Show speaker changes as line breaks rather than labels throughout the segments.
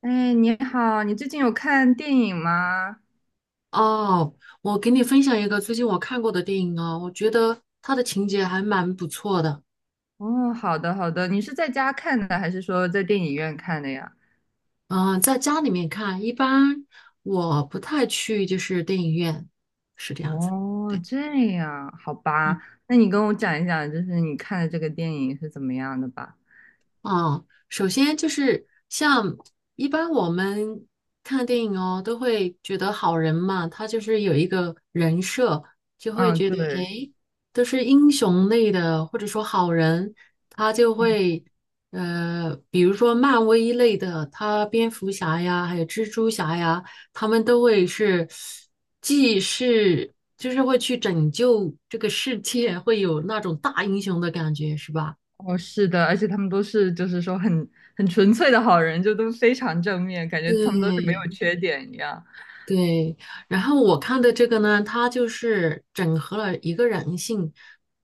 哎，你好，你最近有看电影吗？
哦，我给你分享一个最近我看过的电影啊，我觉得它的情节还蛮不错的。
哦，好的好的，你是在家看的还是说在电影院看的呀？
嗯，在家里面看，一般我不太去，就是电影院，是这样子。
哦，这样，好吧，那你跟我讲一讲，就是你看的这个电影是怎么样的吧？
啊，首先就是像一般我们看电影哦，都会觉得好人嘛，他就是有一个人设。就。
嗯，对，嗯。
都是英雄类的，或者说好人，他就会，比如说漫威类的，他蝙蝠侠呀，还有蜘蛛侠呀，他们都会是，既是就是会去拯救这个世界，会有那种大英雄的感觉，是吧？
哦，是的，而且他们都是就是说很纯粹的好人，就都非常正面，感觉他们都是没
对，
有缺点一样。
对，然后我看的这个呢，它就是整合了一个人性，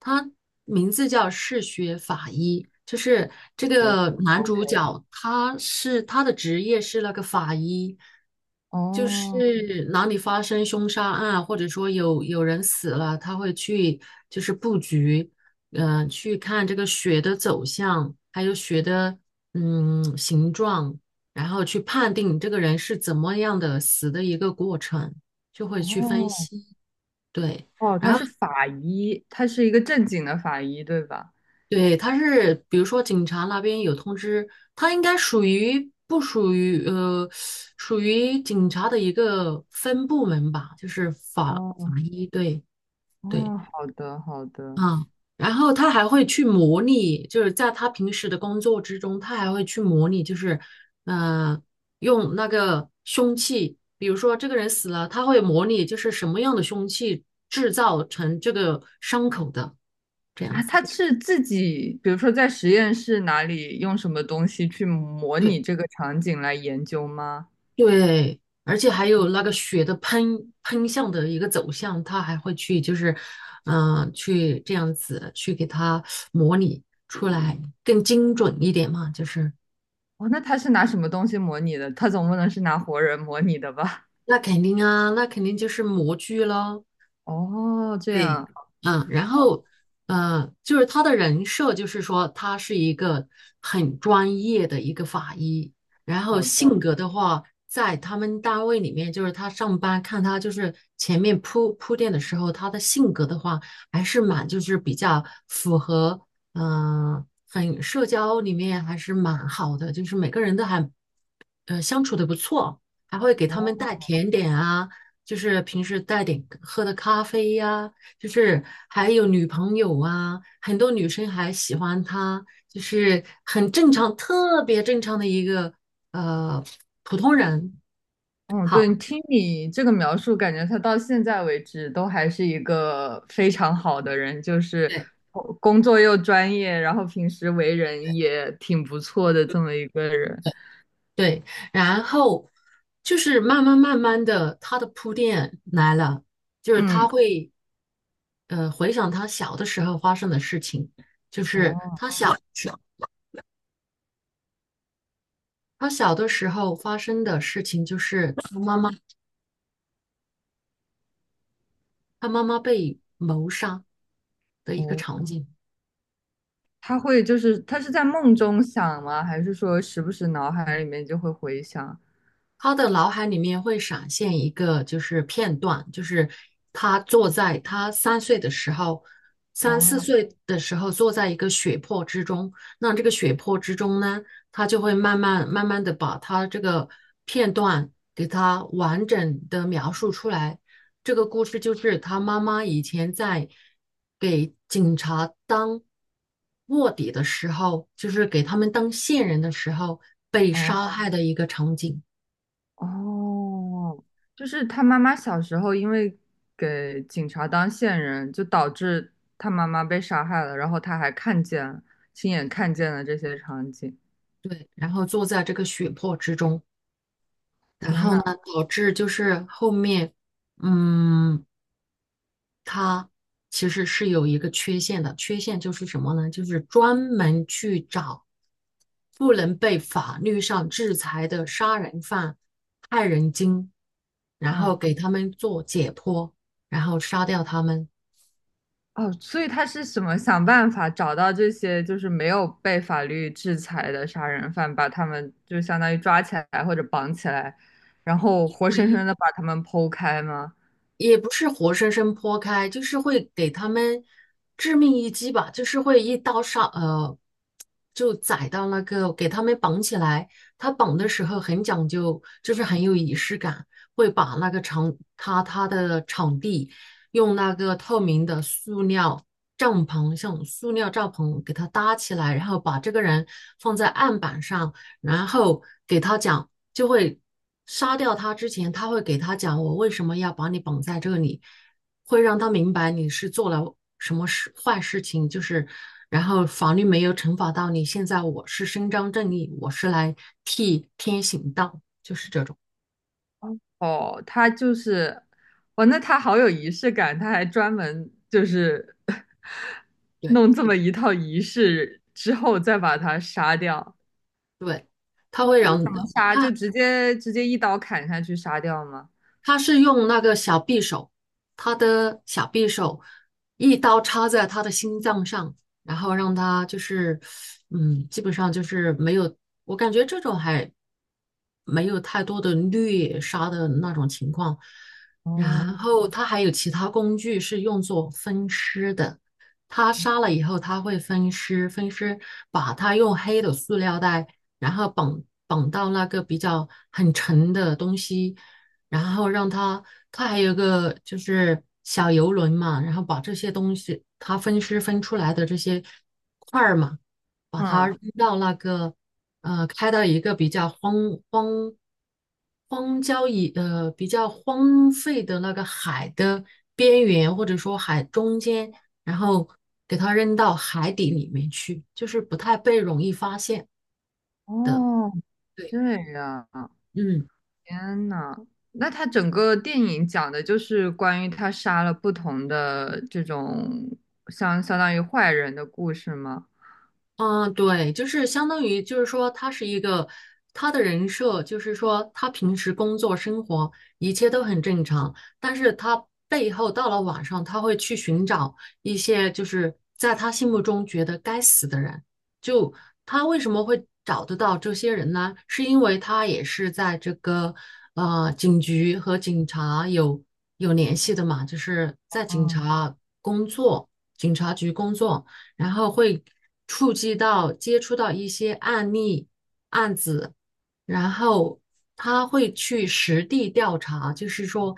它名字叫嗜血法医，就是这
对
个男
，OK，
主角，他的职业是那个法医，就
哦。
是哪里发生凶杀案，或者说有人死了，他会去就是布局，嗯、去看这个血的走向，还有血的嗯形状。然后去判定你这个人是怎么样的死的一个过程，就会去分
哦。
析。对，
哦，
然
他
后
是法医，他是一个正经的法医，对吧？
对，他是比如说警察那边有通知，他应该属于不属于属于警察的一个分部门吧，就是法
哦。
法
哦。
医。对对，
哦，好的好的。
嗯，然后他还会去模拟，就是在他平时的工作之中，他还会去模拟，就是呃，用那个凶器，比如说这个人死了，他会模拟就是什么样的凶器制造成这个伤口的这样
啊，
子。
他是自己，比如说在实验室哪里用什么东西去模
对
拟这个场景来研究吗？
对，而且还有那个血的喷向的一个走向，他还会去就是嗯、去这样子去给他模拟出来，更精准一点嘛，就是。
哦，那他是拿什么东西模拟的？他总不能是拿活人模拟的吧？
那肯定啊，那肯定就是模具喽。
哦，这
对，
样，
嗯，然
好
后，就是他的人设，就是说他是一个很专业的一个法医。然后
好
性
的。
格的话，在他们单位里面，就是他上班看他就是前面铺垫的时候，他的性格的话，还是蛮就是比较符合，嗯、很社交里面还是蛮好的，就是每个人都还相处的不错，还会给他
哦，
们带甜点啊，就是平时带点喝的咖啡呀、就是还有女朋友啊，很多女生还喜欢他，就是很正常，特别正常的一个呃普通人。
嗯，
好，
对，你听你这个描述，感觉他到现在为止都还是一个非常好的人，就是
对
工作又专业，然后平时为人也挺不错的这么一个人。
对，然后就是慢慢的，他的铺垫来了，就是他
嗯，
会回想他小的时候发生的事情。就是
哦。
他小的时候发生的事情就是他妈妈，他妈妈被谋杀的一个
哦，
场景。
他会就是他是在梦中想吗？还是说时不时脑海里面就会回想？
他的脑海里面会闪现一个就是片段，就是他坐在他三岁的时候，三四
哦。
岁的时候坐在一个血泊之中。那这个血泊之中呢，他就会慢慢的把他这个片段给他完整的描述出来。这个故事就是他妈妈以前在给警察当卧底的时候，就是给他们当线人的时候被杀
哦。
害的一个场景。
哦，就是他妈妈小时候因为给警察当线人，就导致他妈妈被杀害了，然后他还看见亲眼看见了这些场景。
对，然后坐在这个血泊之中，然
天
后
呐，
呢，导致就是后面，嗯，他其实是有一个缺陷的，缺陷就是什么呢？就是专门去找不能被法律上制裁的杀人犯、害人精，然后
嗯。
给他们做解剖，然后杀掉他们。
哦，所以他是什么想办法找到这些就是没有被法律制裁的杀人犯，把他们就相当于抓起来或者绑起来，然后活生生的把他们剖开吗？
也不是活生生剖开，就是会给他们致命一击吧，就是会一刀杀，就宰到那个给他们绑起来。他绑的时候很讲究，就是很有仪式感，会把那个场他的场地用那个透明的塑料帐篷，像塑料帐篷给他搭起来，然后把这个人放在案板上，然后给他讲。就会杀掉他之前，他会给他讲我为什么要把你绑在这里，会让他明白你是做了什么事坏事情，就是然后法律没有惩罚到你，现在我是伸张正义，我是来替天行道，就是这种，
哦，他就是，哦，那他好有仪式感，他还专门就是
对
弄这么一套仪式之后再把他杀掉。
对，他会
他是
让
怎么杀？
他
就直接一刀砍下去杀掉吗？
他是用那个小匕首，他的小匕首一刀插在他的心脏上，然后让他就是，嗯，基本上就是没有，我感觉这种还没有太多的虐杀的那种情况。
哦，
然后他还有其他工具是用作分尸的，他杀了以后他会分尸，分尸把他用黑的塑料袋，然后绑到那个比较很沉的东西。然后让他，他还有个就是小游轮嘛，然后把这些东西，他分尸分出来的这些块儿嘛，把它
嗯，
扔到那个开到一个比较荒荒郊野比较荒废的那个海的边缘，或者说海中间，然后给它扔到海底里面去，就是不太被容易发现。
哦，
对，
这样。
嗯。
天呐，那他整个电影讲的就是关于他杀了不同的这种相当于坏人的故事吗？
嗯，对，就是相当于，就是说，他是一个他的人设，就是说，他平时工作生活一切都很正常，但是他背后到了晚上，他会去寻找一些就是在他心目中觉得该死的人。就他为什么会找得到这些人呢？是因为他也是在这个警局和警察有联系的嘛，就是在警
哦，
察工作，警察局工作。然后会触及到接触到一些案例案子，然后他会去实地调查，就是说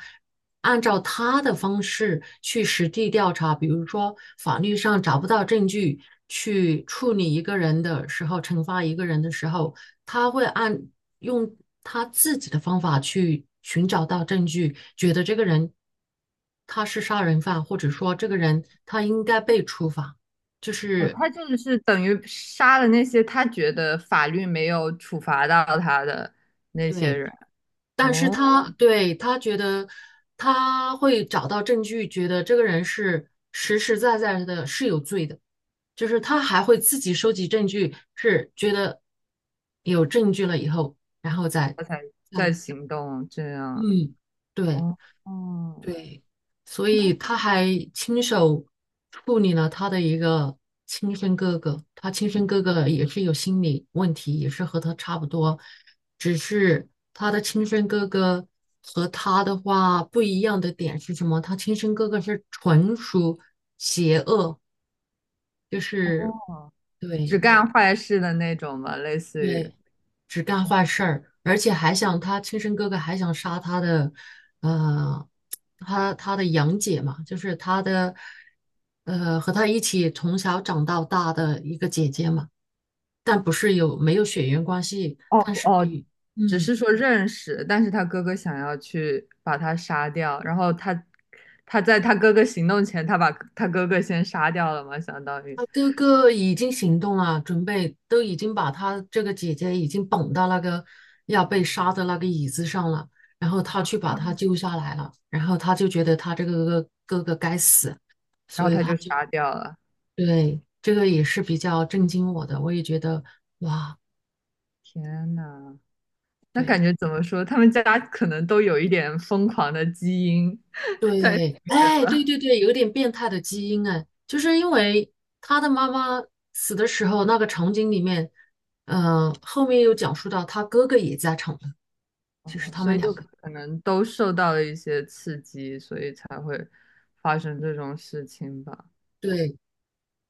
按照他的方式去实地调查，比如说法律上找不到证据去处理一个人的时候，惩罚一个人的时候，他会按用他自己的方法去寻找到证据，觉得这个人他是杀人犯，或者说这个人他应该被处罚，就
哦，
是
他就是等于杀了那些他觉得法律没有处罚到他的那些
对。
人，
但是
哦，
他对他觉得他会找到证据，觉得这个人是实实在在的是有罪的，就是他还会自己收集证据，是觉得有证据了以后，然后再，
他才
嗯
在行动，这样，
嗯，对。
哦，哦，
对，所
那
以
太
他还亲手处理了他的一个亲生哥哥，他亲生哥哥也是有心理问题，也是和他差不多，只是他的亲生哥哥和他的话不一样的点是什么？他亲生哥哥是纯属邪恶，就
好
是
了，只
对
干坏事的那种嘛，类似于，
对。只干坏事儿，而且还想他亲生哥哥还想杀他的，呃，他的养姐嘛，就是他的，和他一起从小长到大的一个姐姐嘛，但不是有没有血缘关系，
哦。
但是
哦，
比
只
嗯，
是说认识，但是他哥哥想要去把他杀掉，然后他在他哥哥行动前，他把他哥哥先杀掉了嘛，相当于，
他哥哥已经行动了，准备都已经把他这个姐姐已经绑到那个要被杀的那个椅子上了，然后他去把他救下来了，然后他就觉得他这个哥哥该死。
然
所
后
以
他
他
就
就。
杀掉了。
对，这个也是比较震惊我的，我也觉得哇，
天呐，那
对
感觉怎么说？他们家可能都有一点疯狂的基因 在里
对，
面
哎，对
吧，
对对，有点变态的基因哎，就是因为他的妈妈死的时候，那个场景里面，嗯、后面又讲述到他哥哥也在场的，就是
哦，
他
所
们
以就
两个。
可能都受到了一些刺激，所以才会发生这种事情吧。
对，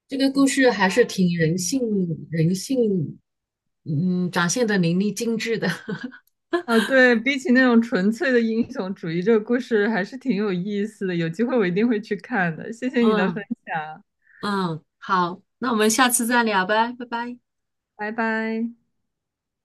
这个故事还是挺人性，人性，嗯，展现的淋漓尽致的。
啊，对，比起那种纯粹的英雄主义，这个故事还是挺有意思的。有机会我一定会去看的。谢谢你的分
嗯
享，
嗯，好，那我们下次再聊呗，拜拜。
拜拜。